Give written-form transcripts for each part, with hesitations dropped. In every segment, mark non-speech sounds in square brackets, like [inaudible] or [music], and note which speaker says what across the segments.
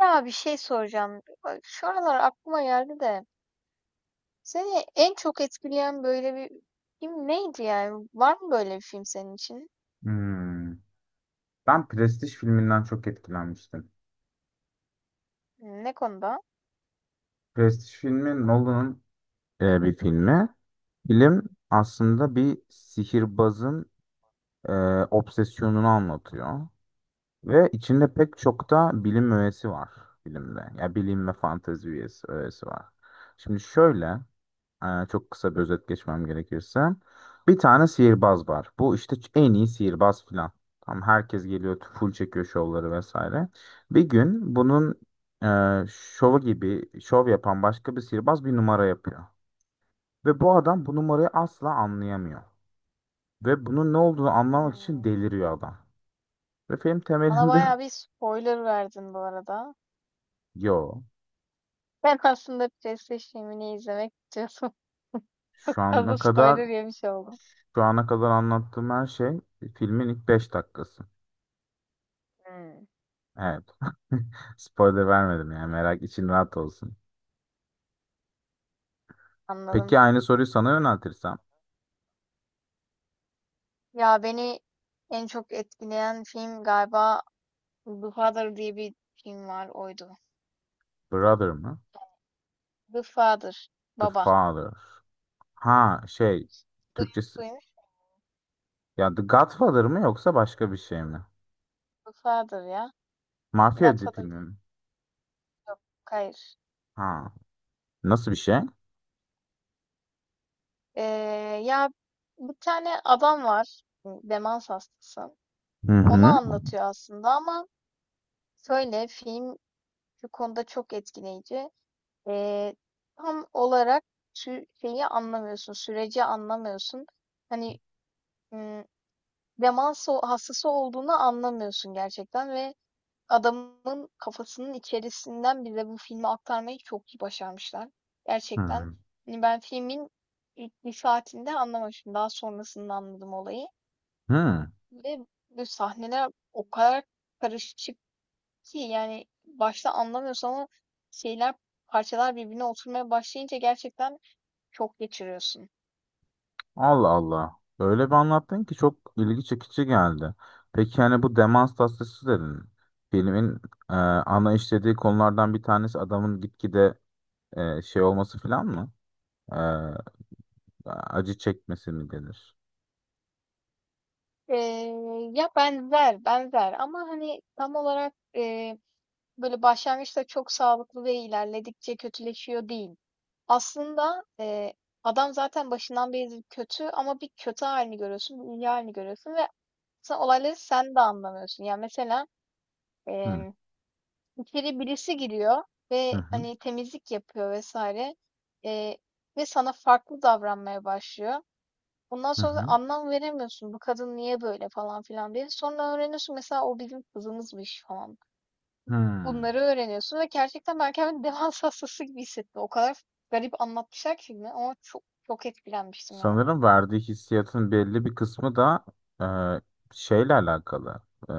Speaker 1: Ya bir şey soracağım. Bak, şu aralar aklıma geldi de seni en çok etkileyen böyle bir film neydi yani? Var mı böyle bir film senin için?
Speaker 2: Hmm. Ben Prestige filminden çok etkilenmiştim.
Speaker 1: Ne konuda?
Speaker 2: Prestige filmi Nolan'ın bir filmi. Film aslında bir sihirbazın e, obsesyonunu anlatıyor. Ve içinde pek çok da bilim öğesi var filmde. Ya bilim ve öğesi var. Şimdi şöyle. Çok kısa bir özet geçmem gerekirse. Bir tane sihirbaz var. Bu işte en iyi sihirbaz filan. Tam herkes geliyor, full çekiyor şovları vesaire. Bir gün bunun şovu gibi şov yapan başka bir sihirbaz bir numara yapıyor. Ve bu adam bu numarayı asla anlayamıyor. Ve bunun ne olduğunu anlamak
Speaker 1: Hmm.
Speaker 2: için deliriyor adam. Ve film
Speaker 1: Bana
Speaker 2: temelinde
Speaker 1: bayağı bir spoiler verdin bu arada.
Speaker 2: [laughs] yo.
Speaker 1: Ben aslında PlayStation filmini izlemek istiyordum. [laughs] Çok
Speaker 2: Şu
Speaker 1: fazla
Speaker 2: ana kadar
Speaker 1: spoiler yemiş oldum.
Speaker 2: şu ana kadar anlattığım her şey filmin ilk 5 dakikası.
Speaker 1: Hmm,
Speaker 2: Evet. [laughs] Spoiler vermedim yani merak için rahat olsun.
Speaker 1: anladım.
Speaker 2: Peki aynı soruyu sana yöneltirsem?
Speaker 1: Ya beni en çok etkileyen film galiba The Father diye bir film var oydu.
Speaker 2: Brother mı?
Speaker 1: The Father.
Speaker 2: The
Speaker 1: Baba.
Speaker 2: Father. Ha, şey, Türkçesi.
Speaker 1: Duymuş.
Speaker 2: Ya The Godfather mı yoksa başka bir şey mi?
Speaker 1: The Father ya.
Speaker 2: Mafya
Speaker 1: Godfather
Speaker 2: filmi
Speaker 1: değil.
Speaker 2: mi?
Speaker 1: Yok, hayır.
Speaker 2: Ha. Nasıl bir şey?
Speaker 1: Ee, ya bir tane adam var. Demans hastası.
Speaker 2: Hı
Speaker 1: Onu
Speaker 2: hı.
Speaker 1: anlatıyor aslında ama şöyle film şu konuda çok etkileyici. Ee, tam olarak şeyi anlamıyorsun. Süreci anlamıyorsun. Hani m, demans hastası olduğunu anlamıyorsun gerçekten ve adamın kafasının içerisinden bize bu filmi aktarmayı çok iyi başarmışlar. Gerçekten.
Speaker 2: Hı.
Speaker 1: Hani ben filmin ilk bir saatinde anlamamıştım. Daha sonrasında anladım olayı.
Speaker 2: Hı.
Speaker 1: Ve bu sahneler o kadar karışık ki yani başta anlamıyorsun ama şeyler parçalar birbirine oturmaya başlayınca gerçekten çok geçiriyorsun.
Speaker 2: Allah Allah. Öyle bir anlattın ki çok ilgi çekici geldi. Peki yani bu demans tasvisi dedin. Filmin ana işlediği konulardan bir tanesi adamın gitgide şey olması falan mı? Ee, Acı çekmesi mi denir?
Speaker 1: Ee, ya benzer benzer ama hani tam olarak böyle başlangıçta çok sağlıklı ve ilerledikçe kötüleşiyor değil. Aslında adam zaten başından beri kötü ama bir kötü halini görüyorsun, bir iyi halini görüyorsun ve aslında olayları sen de anlamıyorsun. Yani mesela e,
Speaker 2: Hı
Speaker 1: içeri birisi giriyor
Speaker 2: hı.
Speaker 1: ve
Speaker 2: Hı
Speaker 1: hani temizlik yapıyor vesaire e, ve sana farklı davranmaya başlıyor. Ondan
Speaker 2: hı.
Speaker 1: sonra da
Speaker 2: Hı.
Speaker 1: anlam veremiyorsun bu kadın niye böyle falan filan diye. Sonra öğreniyorsun mesela o bizim kızımızmış falan.
Speaker 2: Hmm.
Speaker 1: Bunları öğreniyorsun ve gerçekten ben kendimi [laughs] demans hastası gibi hissettim. O kadar garip anlatmışlar ki filmi ama çok çok etkilenmiştim yani.
Speaker 2: Sanırım verdiği hissiyatın belli bir kısmı da e, şeyle alakalı. E,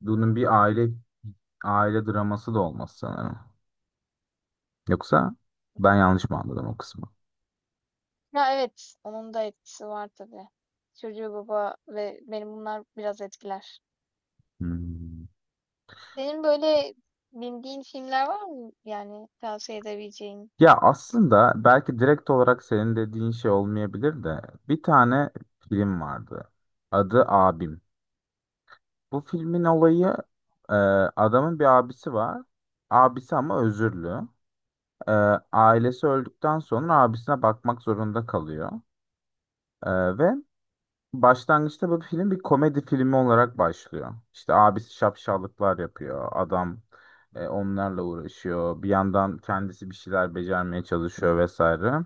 Speaker 2: Bunun bir aile draması da olmaz sanırım. Yoksa ben yanlış mı anladım o kısmı?
Speaker 1: Ya evet, onun da etkisi var tabii. Çocuğu baba ve benim bunlar biraz etkiler.
Speaker 2: Hmm.
Speaker 1: Senin böyle bildiğin filmler var mı yani tavsiye edebileceğin?
Speaker 2: Ya aslında belki direkt olarak senin dediğin şey olmayabilir de bir tane film vardı. Adı Abim. Bu filmin olayı e, adamın bir abisi var. Abisi ama özürlü. E, Ailesi öldükten sonra abisine bakmak zorunda kalıyor. E, ve başlangıçta bu film bir komedi filmi olarak başlıyor. İşte abisi şapşallıklar yapıyor. Adam onlarla uğraşıyor. Bir yandan kendisi bir şeyler becermeye çalışıyor vesaire.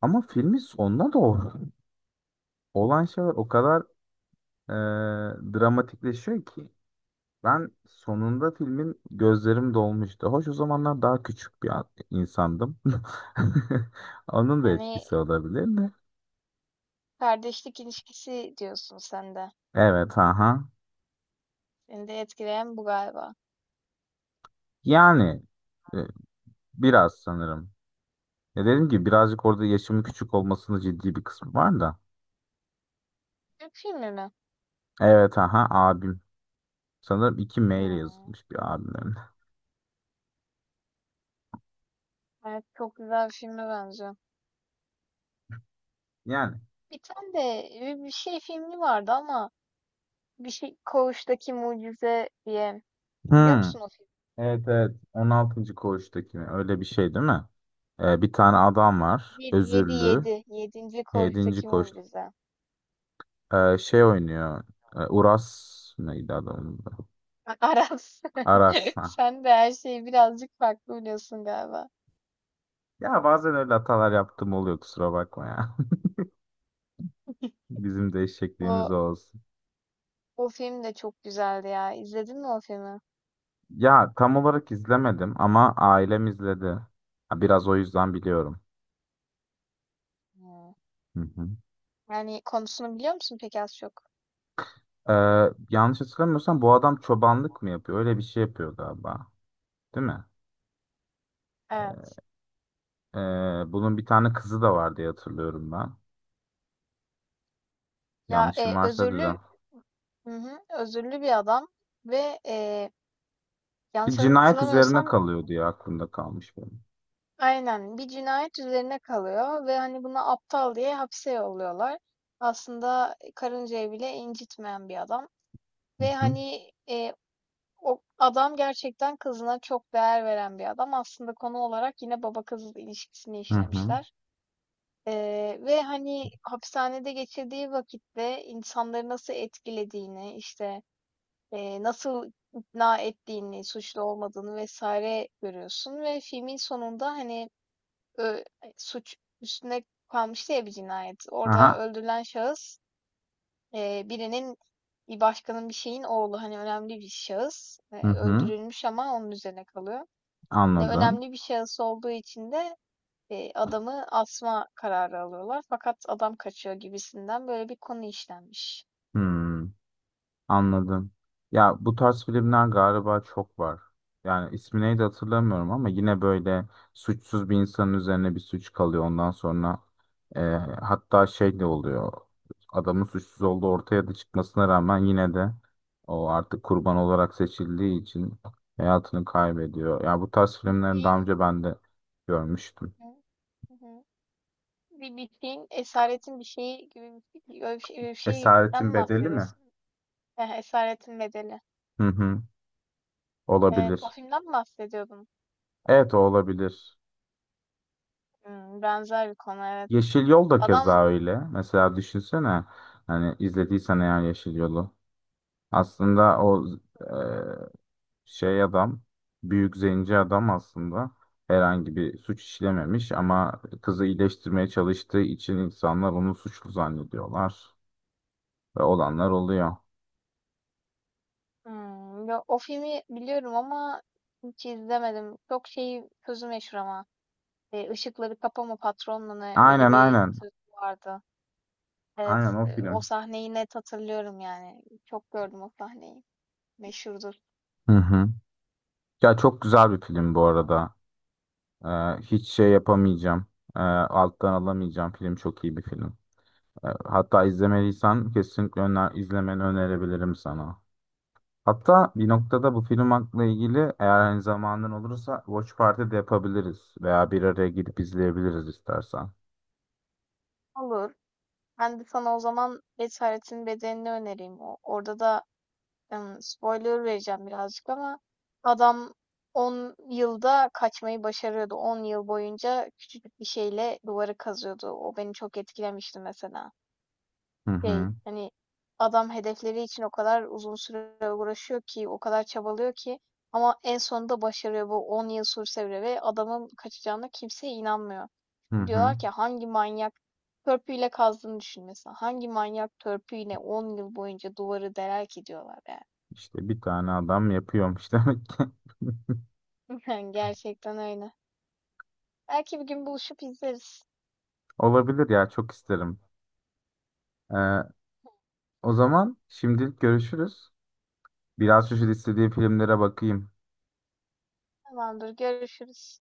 Speaker 2: Ama filmin sonuna doğru olan şeyler o kadar e, dramatikleşiyor ki. Ben sonunda filmin gözlerim dolmuştu. Hoş o zamanlar daha küçük bir insandım. [laughs] Onun da
Speaker 1: Yani
Speaker 2: etkisi olabilir de.
Speaker 1: kardeşlik ilişkisi diyorsun sen de.
Speaker 2: Evet, aha.
Speaker 1: Seni de etkileyen bu galiba.
Speaker 2: Yani e, biraz sanırım. Ya dedim ki birazcık orada yaşımın küçük olmasının ciddi bir kısmı var da.
Speaker 1: Türk filmi mi?
Speaker 2: Evet, aha, abim. Sanırım 2 M ile
Speaker 1: Hmm.
Speaker 2: yazılmış bir abimlerim.
Speaker 1: Evet, çok güzel bir filme benziyor.
Speaker 2: Yani.
Speaker 1: Bir tane de bir şey filmi vardı ama bir şey Koğuştaki Mucize diye. Biliyor
Speaker 2: Hmm.
Speaker 1: musun o filmi?
Speaker 2: Evet, evet. 16. koğuştaki mi? Öyle bir şey değil mi? Bir tane adam var.
Speaker 1: Bir, yedi,
Speaker 2: Özürlü.
Speaker 1: yedi. Yedinci
Speaker 2: 7.
Speaker 1: Koğuştaki Mucize.
Speaker 2: Şey oynuyor. Uras, neydi adamın adı?
Speaker 1: [laughs] Aras.
Speaker 2: Aras.
Speaker 1: [laughs]
Speaker 2: Ha.
Speaker 1: Sen de her şeyi birazcık farklı biliyorsun galiba.
Speaker 2: Ya bazen öyle hatalar yaptığım oluyor, kusura bakma ya. [laughs] Bizim de eşekliğimiz
Speaker 1: O,
Speaker 2: o olsun.
Speaker 1: o film de çok güzeldi ya. İzledin mi o filmi?
Speaker 2: Ya tam olarak izlemedim ama ailem izledi. Ha, biraz o yüzden biliyorum.
Speaker 1: Hmm.
Speaker 2: Hı hı.
Speaker 1: Yani konusunu biliyor musun peki az çok?
Speaker 2: Ee, Yanlış hatırlamıyorsam bu adam çobanlık mı yapıyor? Öyle bir şey yapıyor galiba. Değil mi?
Speaker 1: Evet.
Speaker 2: Bunun bir tane kızı da var diye hatırlıyorum ben.
Speaker 1: Ya
Speaker 2: Yanlışım varsa düzelt.
Speaker 1: özürlü, hı hı, özürlü bir adam ve
Speaker 2: Bir
Speaker 1: yanlış
Speaker 2: cinayet üzerine
Speaker 1: hatırlamıyorsam.
Speaker 2: kalıyordu ya, aklımda kalmış benim.
Speaker 1: Aynen. Bir cinayet üzerine kalıyor ve hani buna aptal diye hapse yolluyorlar. Aslında karıncayı bile incitmeyen bir adam.
Speaker 2: Hı
Speaker 1: Ve
Speaker 2: hı.
Speaker 1: hani o adam gerçekten kızına çok değer veren bir adam. Aslında konu olarak yine baba kız ilişkisini
Speaker 2: Hı hı.
Speaker 1: işlemişler. E, ve hani hapishanede geçirdiği vakitte insanları nasıl etkilediğini, işte nasıl ikna ettiğini, suçlu olmadığını vesaire görüyorsun. Ve filmin sonunda hani Eee, suç üstüne kalmıştı ya bir cinayet. Orada
Speaker 2: Aha.
Speaker 1: öldürülen şahıs, birinin, bir başkanın, bir şeyin oğlu. Hani önemli bir şahıs.
Speaker 2: Hı
Speaker 1: Eee,
Speaker 2: hı.
Speaker 1: öldürülmüş ama onun üzerine kalıyor. Ne
Speaker 2: Anladım.
Speaker 1: önemli bir şahıs olduğu için de, adamı asma kararı alıyorlar. Fakat adam kaçıyor gibisinden böyle bir konu işlenmiş.
Speaker 2: Hmm, anladım. Ya bu tarz filmler galiba çok var. Yani ismi neydi hatırlamıyorum ama yine böyle suçsuz bir insanın üzerine bir suç kalıyor. Ondan sonra e, hatta şey de oluyor. Adamın suçsuz olduğu ortaya da çıkmasına rağmen yine de o artık kurban olarak seçildiği için hayatını kaybediyor. Ya bu tarz
Speaker 1: Bir
Speaker 2: filmleri daha
Speaker 1: şeyin
Speaker 2: önce ben de görmüştüm.
Speaker 1: Hı hı. Hı. Bir şeyin esaretin bir şeyi gibi bir, öyle bir, şey, öyle bir şeyden
Speaker 2: Esaretin
Speaker 1: mi
Speaker 2: Bedeli mi?
Speaker 1: bahsediyorsun? Heh, Esaretin Bedeli.
Speaker 2: Hı hı.
Speaker 1: Evet, o
Speaker 2: Olabilir.
Speaker 1: filmden mi bahsediyordun?
Speaker 2: Evet, o olabilir.
Speaker 1: Hımm, benzer bir konu, evet.
Speaker 2: Yeşil Yol da
Speaker 1: Adam
Speaker 2: keza öyle. Mesela düşünsene, hani izlediysen eğer Yeşil Yol'u. Aslında o e, adam, büyük zenci adam, aslında herhangi bir suç işlememiş ama kızı iyileştirmeye çalıştığı için insanlar onu suçlu zannediyorlar ve olanlar oluyor.
Speaker 1: Hımm, ya, o filmi biliyorum ama hiç izlemedim. Çok şey sözü meşhur ama, "Işıkları kapama patron" ne, öyle
Speaker 2: Aynen
Speaker 1: bir
Speaker 2: aynen.
Speaker 1: sözü vardı.
Speaker 2: Aynen
Speaker 1: Evet,
Speaker 2: o
Speaker 1: o
Speaker 2: film.
Speaker 1: sahneyi net hatırlıyorum yani. Çok gördüm o sahneyi. Meşhurdur.
Speaker 2: Hı hı. Ya çok güzel bir film bu arada. E, Hiç şey yapamayacağım. Alttan alamayacağım. Film çok iyi bir film. Hatta izlemeliysen kesinlikle izlemeni önerebilirim sana. Hatta bir noktada bu film hakkında ilgili eğer hani zamanın olursa Watch Party de yapabiliriz. Veya bir araya gidip izleyebiliriz istersen.
Speaker 1: Olur. Ben de sana o zaman "Esaretin bedenini önereyim. O orada da spoiler vereceğim birazcık ama adam 10 yılda kaçmayı başarıyordu. 10 yıl boyunca küçücük bir şeyle duvarı kazıyordu. O beni çok etkilemişti mesela.
Speaker 2: Hı
Speaker 1: Şey,
Speaker 2: hı.
Speaker 1: hani adam hedefleri için o kadar uzun süre uğraşıyor ki, o kadar çabalıyor ki ama en sonunda başarıyor bu 10 yıl sürse bile ve adamın kaçacağına kimse inanmıyor.
Speaker 2: Hı hı.
Speaker 1: Diyorlar ki hangi manyak törpüyle kazdığını düşün mesela. Hangi manyak törpüyle 10 yıl boyunca duvarı deler ki diyorlar yani.
Speaker 2: İşte bir tane adam yapıyormuş [laughs] demek ki.
Speaker 1: [laughs] Gerçekten öyle. Belki bir gün buluşup izleriz.
Speaker 2: Olabilir ya, çok isterim. Ee, O zaman şimdilik görüşürüz. Biraz şu istediği filmlere bakayım.
Speaker 1: Tamamdır, görüşürüz.